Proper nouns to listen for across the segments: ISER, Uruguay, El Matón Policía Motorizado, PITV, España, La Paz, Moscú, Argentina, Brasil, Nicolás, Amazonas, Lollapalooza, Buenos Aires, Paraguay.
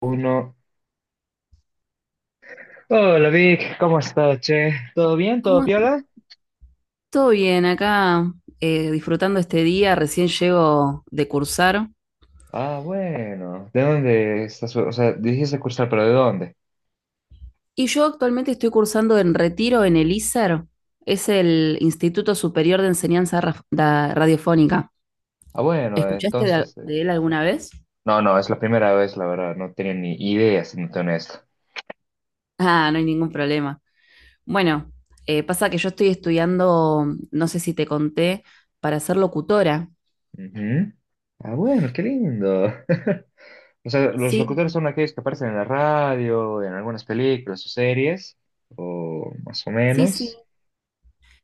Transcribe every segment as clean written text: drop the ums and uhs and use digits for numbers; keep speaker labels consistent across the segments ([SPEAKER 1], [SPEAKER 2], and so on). [SPEAKER 1] Uno. Hola Vic, ¿cómo estás, che? ¿Todo bien? ¿Todo
[SPEAKER 2] ¿Cómo?
[SPEAKER 1] piola?
[SPEAKER 2] Todo bien, acá disfrutando este día, recién llego de cursar.
[SPEAKER 1] Ah, bueno. ¿De dónde estás? O sea, dijiste cursar, pero ¿de dónde?
[SPEAKER 2] Y yo actualmente estoy cursando en Retiro en el ISER, es el Instituto Superior de Enseñanza Raf- da- Radiofónica.
[SPEAKER 1] Ah, bueno,
[SPEAKER 2] ¿Escuchaste de,
[SPEAKER 1] entonces.
[SPEAKER 2] de él alguna vez?
[SPEAKER 1] No, no, es la primera vez, la verdad. No tenía ni idea, siéndote honesto.
[SPEAKER 2] Ah, no hay ningún problema. Bueno, pasa que yo estoy estudiando, no sé si te conté, para ser locutora.
[SPEAKER 1] Ujú. Ah, bueno, qué lindo. O sea, ¿los locutores
[SPEAKER 2] Sí,
[SPEAKER 1] son aquellos que aparecen en la radio, en algunas películas o series? O más o
[SPEAKER 2] sí, sí.
[SPEAKER 1] menos.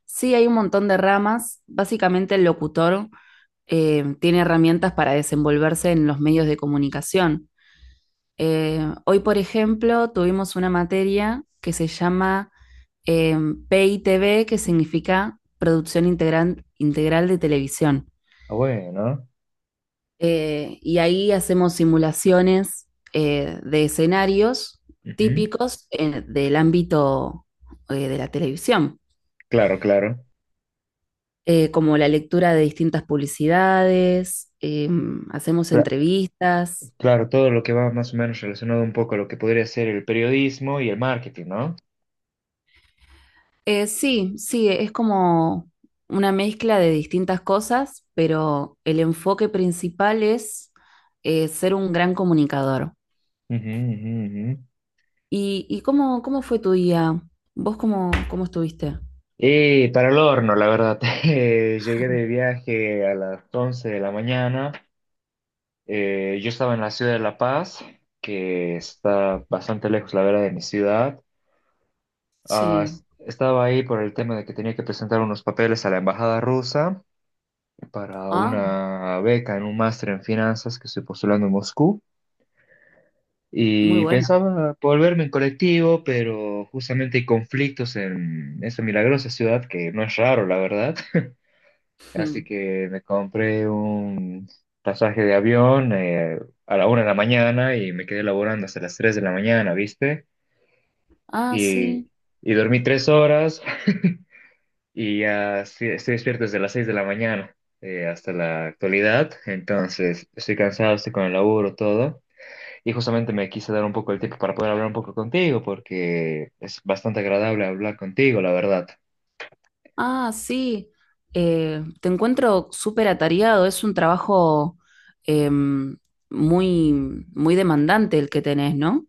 [SPEAKER 2] Sí, hay un montón de ramas. Básicamente el locutor tiene herramientas para desenvolverse en los medios de comunicación. Hoy, por ejemplo, tuvimos una materia que se llama eh, PITV, que significa Producción Integral, Integral de Televisión.
[SPEAKER 1] Ah, bueno.
[SPEAKER 2] Y ahí hacemos simulaciones de escenarios
[SPEAKER 1] Ujú.
[SPEAKER 2] típicos del ámbito de la televisión,
[SPEAKER 1] Claro, claro.
[SPEAKER 2] como la lectura de distintas publicidades, hacemos entrevistas.
[SPEAKER 1] Claro, todo lo que va más o menos relacionado un poco a lo que podría ser el periodismo y el marketing, ¿no?
[SPEAKER 2] Sí, sí, es como una mezcla de distintas cosas, pero el enfoque principal es ser un gran comunicador.
[SPEAKER 1] Ujú, ujú, ujú.
[SPEAKER 2] Y cómo, cómo fue tu día? ¿Vos cómo, cómo estuviste?
[SPEAKER 1] Y para el horno, la verdad, llegué de viaje a las 11 de la mañana. Yo estaba en la ciudad de La Paz, que está bastante lejos, la verdad, de mi ciudad. Ah,
[SPEAKER 2] Sí.
[SPEAKER 1] estaba ahí por el tema de que tenía que presentar unos papeles a la embajada rusa para
[SPEAKER 2] Ah,
[SPEAKER 1] una beca en un máster en finanzas que estoy postulando en Moscú.
[SPEAKER 2] muy
[SPEAKER 1] Y
[SPEAKER 2] bueno.
[SPEAKER 1] pensaba volverme en colectivo, pero justamente hay conflictos en esa milagrosa ciudad que no es raro, la verdad.
[SPEAKER 2] Hmm.
[SPEAKER 1] Así que me compré un pasaje de avión a la 1 de la mañana y me quedé laborando hasta las 3 de la mañana, ¿viste?
[SPEAKER 2] Ah,
[SPEAKER 1] Y,
[SPEAKER 2] sí.
[SPEAKER 1] y dormí 3 horas y ya estoy despierto desde las 6 de la mañana hasta la actualidad. Entonces estoy cansado, estoy con el laburo, todo. Y justamente me quise dar un poco el tiempo para poder hablar un poco contigo, porque es bastante agradable hablar contigo, la verdad.
[SPEAKER 2] Ah, sí. Te encuentro súper atareado. Es un trabajo em, muy, muy demandante el que tenés, ¿no?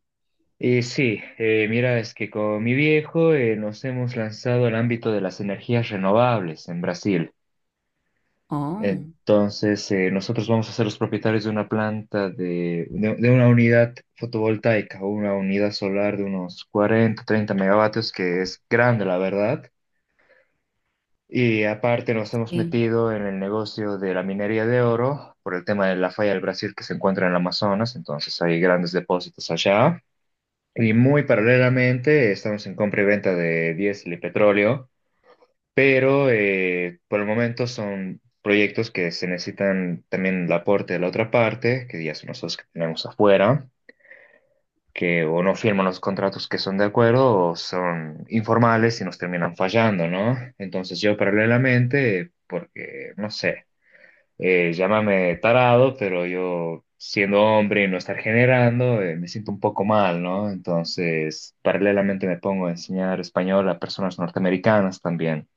[SPEAKER 1] Y sí, mira, es que con mi viejo nos hemos lanzado al ámbito de las energías renovables en Brasil.
[SPEAKER 2] Oh,
[SPEAKER 1] Entonces, nosotros vamos a ser los propietarios de una planta de una unidad fotovoltaica o una unidad solar de unos 40 30 megavatios, que es grande, la verdad. Y aparte nos hemos
[SPEAKER 2] sí.
[SPEAKER 1] metido en el negocio de la minería de oro por el tema de la falla del Brasil que se encuentra en el Amazonas, entonces hay grandes depósitos allá. Y muy paralelamente estamos en compra y venta de diésel y petróleo, pero por el momento son proyectos que se necesitan también el aporte de la otra parte, que ya son los dos que tenemos afuera que o no firman los contratos que son de acuerdo o son informales y nos terminan fallando, ¿no? Entonces yo paralelamente, porque, no sé, llámame tarado, pero yo siendo hombre y no estar generando, me siento un poco mal, ¿no? Entonces paralelamente me pongo a enseñar español a personas norteamericanas también.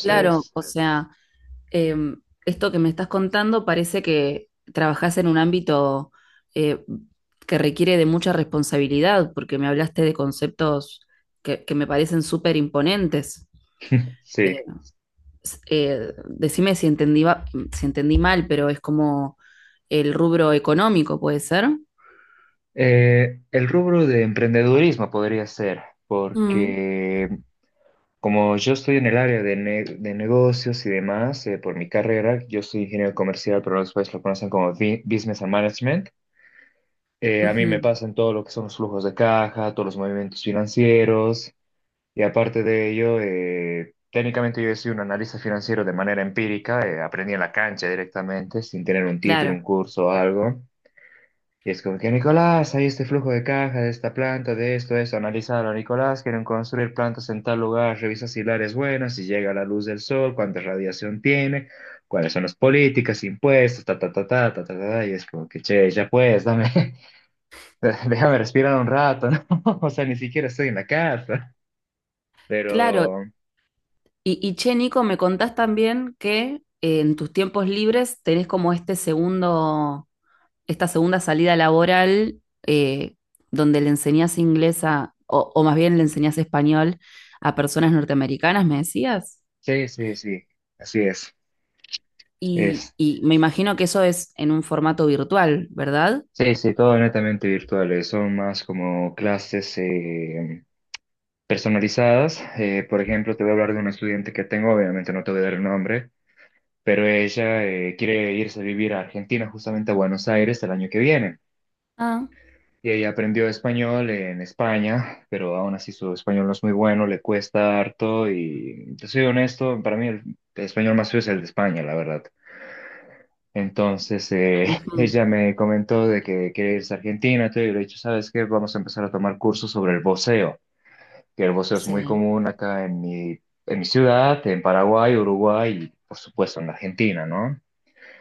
[SPEAKER 2] Claro, o sea, eh, esto que me estás contando parece que trabajás en un ámbito eh, que requiere de mucha responsabilidad, porque me hablaste de conceptos que me parecen súper imponentes.
[SPEAKER 1] sí.
[SPEAKER 2] Eh, decime si entendí, si entendí mal, pero es como el rubro económico, ¿puede ser?
[SPEAKER 1] El rubro de emprendedurismo podría ser,
[SPEAKER 2] Mm,
[SPEAKER 1] porque como yo estoy en el área de negocios y demás, por mi carrera, yo soy ingeniero comercial, pero los países lo conocen como Business and Management. A mí me
[SPEAKER 2] ujú.
[SPEAKER 1] pasan todo lo que son los flujos de caja, todos los movimientos financieros, y aparte de ello, técnicamente yo soy un analista financiero de manera empírica, aprendí en la cancha directamente, sin tener un título, un
[SPEAKER 2] Claro,
[SPEAKER 1] curso o algo. Y es como que, Nicolás, hay este flujo de caja de esta planta, de esto, de eso, analízalo, Nicolás, quieren construir plantas en tal lugar, revisa si el área es buena, si llega la luz del sol, cuánta radiación tiene, cuáles son las políticas, impuestos, ta, ta, ta, ta, ta, ta, ta, y es como que, che, ya pues, dame, déjame respirar un rato, ¿no? O sea, ni siquiera estoy en la casa,
[SPEAKER 2] claro.
[SPEAKER 1] pero
[SPEAKER 2] Y che, Nico, me contás también que en tus tiempos libres tenés como este segundo, esta segunda salida laboral, eh, donde le enseñás inglés a, o más bien le enseñás español a personas norteamericanas, me decías.
[SPEAKER 1] sí, sí, sí, así es, es,
[SPEAKER 2] Y me imagino que eso es en un formato virtual, ¿verdad?
[SPEAKER 1] sí, sí, todo netamente virtual, son más como clases, personalizadas. Por ejemplo, te voy a hablar de una estudiante que tengo, obviamente no te voy a dar el nombre, pero ella quiere irse a vivir a Argentina, justamente a Buenos Aires, el año que viene.
[SPEAKER 2] Ah.
[SPEAKER 1] Y ella aprendió español en España, pero aún así su español no es muy bueno, le cuesta harto y te soy honesto, para mí el español más feo es el de España, la verdad. Entonces,
[SPEAKER 2] Ujú.
[SPEAKER 1] ella me comentó de que quiere irse a Argentina, todo, y yo le he dicho, ¿sabes qué? Vamos a empezar a tomar cursos sobre el voceo. Que el boxeo es muy
[SPEAKER 2] Sí.
[SPEAKER 1] común acá en mi ciudad, en Paraguay, Uruguay y por supuesto en Argentina, ¿no?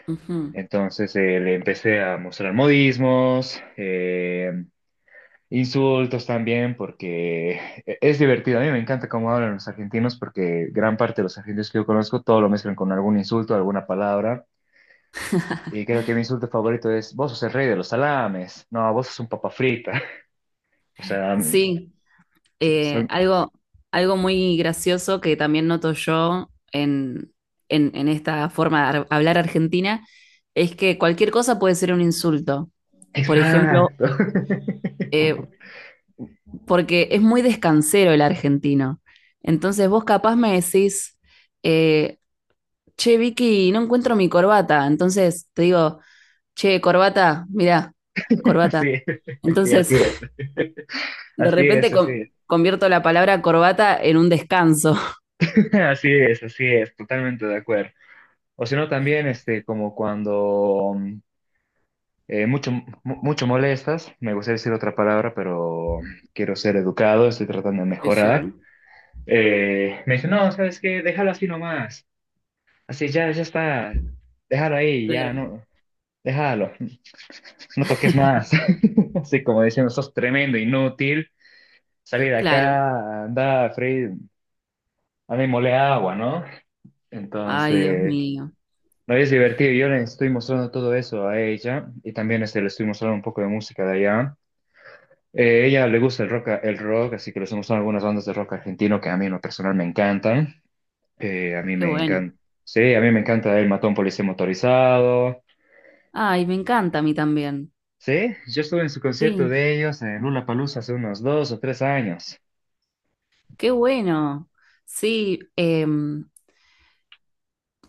[SPEAKER 2] Ujú.
[SPEAKER 1] Entonces le empecé a mostrar modismos, insultos también, porque es divertido. A mí me encanta cómo hablan los argentinos, porque gran parte de los argentinos que yo conozco todo lo mezclan con algún insulto, alguna palabra. Y creo que mi insulto favorito es, vos sos el rey de los salames, no, vos sos un papa frita. O sea,
[SPEAKER 2] Sí, eh,
[SPEAKER 1] son.
[SPEAKER 2] algo, algo muy gracioso que también noto yo en, en esta forma de hablar argentina es que cualquier cosa puede ser un insulto. Por ejemplo,
[SPEAKER 1] Exacto.
[SPEAKER 2] eh, porque es muy descansero el argentino. Entonces vos capaz me decís, eh, che, Vicky, no encuentro mi corbata. Entonces te digo, che, corbata, mirá, corbata.
[SPEAKER 1] Sí, sí,
[SPEAKER 2] Entonces,
[SPEAKER 1] así es,
[SPEAKER 2] de
[SPEAKER 1] así
[SPEAKER 2] repente
[SPEAKER 1] es, así es,
[SPEAKER 2] convierto la palabra corbata en un descanso.
[SPEAKER 1] así es, totalmente de acuerdo. O si no, también este, como cuando mucho, mucho molestas, me gustaría decir otra palabra, pero quiero ser educado, estoy tratando de
[SPEAKER 2] Sí,
[SPEAKER 1] mejorar.
[SPEAKER 2] sí.
[SPEAKER 1] Me dice, no, ¿sabes qué? Déjalo así nomás, así ya, ya está, déjalo ahí, ya,
[SPEAKER 2] Claro,
[SPEAKER 1] no, déjalo, no toques más. Así como diciendo, sos tremendo, inútil, salí de
[SPEAKER 2] claro.
[SPEAKER 1] acá, anda, Fred. A mí mole agua, ¿no?
[SPEAKER 2] Ay, Dios
[SPEAKER 1] Entonces,
[SPEAKER 2] mío,
[SPEAKER 1] no es divertido. Yo le estoy mostrando todo eso a ella y también este, le estoy mostrando un poco de música de allá. Ella le gusta el rock, así que le estoy mostrando algunas bandas de rock argentino que a mí en lo personal me encantan. A mí
[SPEAKER 2] qué
[SPEAKER 1] me
[SPEAKER 2] bueno.
[SPEAKER 1] encanta. Sí, a mí me encanta El Matón Policía Motorizado.
[SPEAKER 2] Ay, me encanta a mí también.
[SPEAKER 1] Sí, yo estuve en su concierto
[SPEAKER 2] Sí,
[SPEAKER 1] de ellos en Lollapalooza hace unos 2 o 3 años.
[SPEAKER 2] qué bueno. Sí.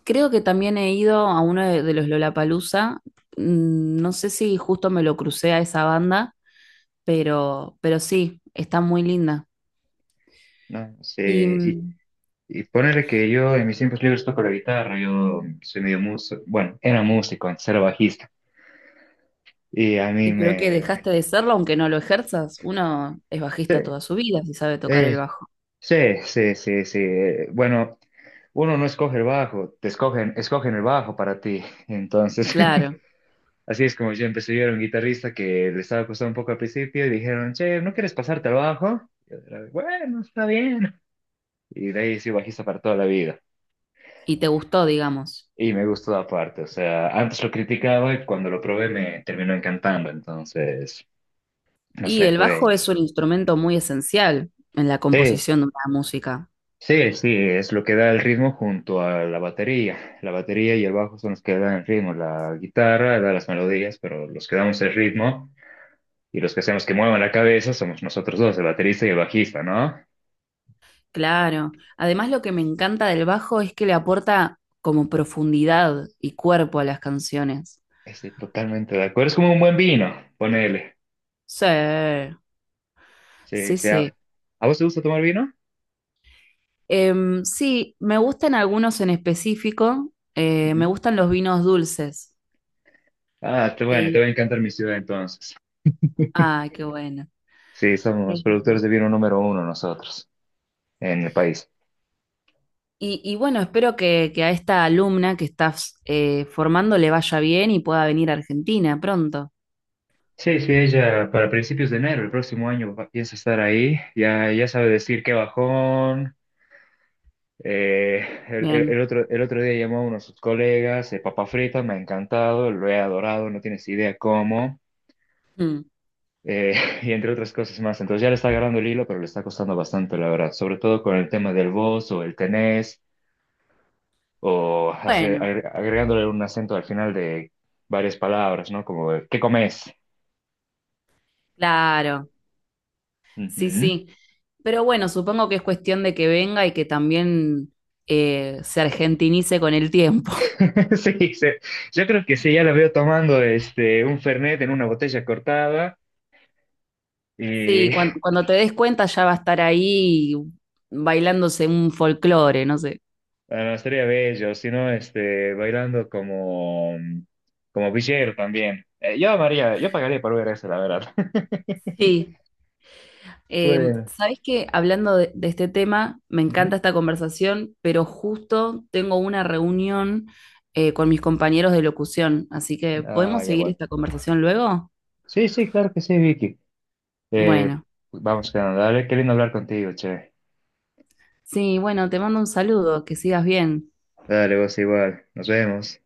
[SPEAKER 2] Creo que también he ido a uno de los Lollapalooza. Mm. No sé si justo me lo crucé a esa banda, pero sí, está muy linda.
[SPEAKER 1] ¿No?
[SPEAKER 2] Y,
[SPEAKER 1] Sí,
[SPEAKER 2] mm,
[SPEAKER 1] y ponerle que yo en mis tiempos libres toco la guitarra, yo soy medio músico, bueno, era músico, antes era bajista. Y a mí
[SPEAKER 2] y pero que
[SPEAKER 1] me.
[SPEAKER 2] dejaste de serlo aunque no lo ejerzas. Uno es
[SPEAKER 1] Sí,
[SPEAKER 2] bajista toda su vida si sabe tocar el
[SPEAKER 1] eh,
[SPEAKER 2] bajo.
[SPEAKER 1] sí, sí, sí, sí. Bueno, uno no escoge el bajo, te escogen, escogen el bajo para ti. Entonces,
[SPEAKER 2] Claro,
[SPEAKER 1] así es como yo empecé. Yo era un guitarrista que le estaba costando un poco al principio y dijeron, che, ¿no quieres pasarte al bajo? Y yo era, bueno, está bien. Y de ahí soy bajista para toda la vida.
[SPEAKER 2] y te gustó, digamos.
[SPEAKER 1] Y me gustó aparte, o sea, antes lo criticaba y cuando lo probé me terminó encantando, entonces, no
[SPEAKER 2] Y
[SPEAKER 1] sé,
[SPEAKER 2] el bajo
[SPEAKER 1] fue.
[SPEAKER 2] es un instrumento muy esencial en la
[SPEAKER 1] Sí,
[SPEAKER 2] composición de una música.
[SPEAKER 1] sí, sí, es lo que da el ritmo junto a la batería. La batería y el bajo son los que dan el ritmo, la guitarra da las melodías, pero los que damos el ritmo y los que hacemos que muevan la cabeza somos nosotros dos, el baterista y el bajista, ¿no?
[SPEAKER 2] Claro. Además, lo que me encanta del bajo es que le aporta como profundidad y cuerpo a las canciones.
[SPEAKER 1] Estoy totalmente de acuerdo, es como un buen vino, ponele.
[SPEAKER 2] Sí,
[SPEAKER 1] Sí,
[SPEAKER 2] sí,
[SPEAKER 1] sí, ¿a,
[SPEAKER 2] sí.
[SPEAKER 1] a vos te gusta tomar vino?
[SPEAKER 2] Em, sí, me gustan algunos en específico. Me
[SPEAKER 1] Ujú.
[SPEAKER 2] gustan los vinos dulces.
[SPEAKER 1] Ah, te, bueno,
[SPEAKER 2] Eh,
[SPEAKER 1] te va a encantar mi ciudad entonces.
[SPEAKER 2] ay, qué bueno.
[SPEAKER 1] Sí, somos
[SPEAKER 2] Em,
[SPEAKER 1] productores de vino número uno nosotros en el país.
[SPEAKER 2] y bueno, espero que a esta alumna que estás formando le vaya bien y pueda venir a Argentina pronto.
[SPEAKER 1] Sí, sí, ella para principios de enero, el próximo año piensa estar ahí. Ya, ya sabe decir qué bajón. Eh, el, el- el
[SPEAKER 2] Bien.
[SPEAKER 1] otro, el otro día llamó a uno de sus colegas, papa frita, me ha encantado, lo he adorado, no tienes idea cómo.
[SPEAKER 2] Mm.
[SPEAKER 1] eh, y entre otras cosas más. Entonces ya le está agarrando el hilo, pero le está costando bastante, la verdad. Sobre todo con el tema del vos o el tenés, o
[SPEAKER 2] Bueno,
[SPEAKER 1] agregándole un acento al final de varias palabras, ¿no? Como, ¿qué comes?
[SPEAKER 2] claro, sí,
[SPEAKER 1] Ujú.
[SPEAKER 2] sí. Pero bueno, supongo que es cuestión de que venga y que también se argentinice con el tiempo.
[SPEAKER 1] Sí, sí. Yo creo que sí, ya la veo tomando este un fernet en una botella cortada y
[SPEAKER 2] Sí, cuando te des cuenta ya va a estar ahí bailándose un folclore, no sé.
[SPEAKER 1] bueno, estaría bello, si no, este, bailando como, villero también. Yo amaría, yo pagaría por ver eso, la verdad.
[SPEAKER 2] Sí, eh,
[SPEAKER 1] Bueno.
[SPEAKER 2] ¿sabés qué? Hablando de este tema, me encanta
[SPEAKER 1] Ujú.
[SPEAKER 2] esta conversación, pero justo tengo una reunión con mis compañeros de locución, así que
[SPEAKER 1] Ah,
[SPEAKER 2] ¿podemos
[SPEAKER 1] ya
[SPEAKER 2] seguir
[SPEAKER 1] bueno.
[SPEAKER 2] esta conversación luego?
[SPEAKER 1] Sí, sí, claro que sí, Vicky. Eh,
[SPEAKER 2] Bueno,
[SPEAKER 1] vamos quedando, dale, qué lindo hablar contigo, che.
[SPEAKER 2] sí, bueno, te mando un saludo, que sigas bien.
[SPEAKER 1] Dale, vos igual, nos vemos.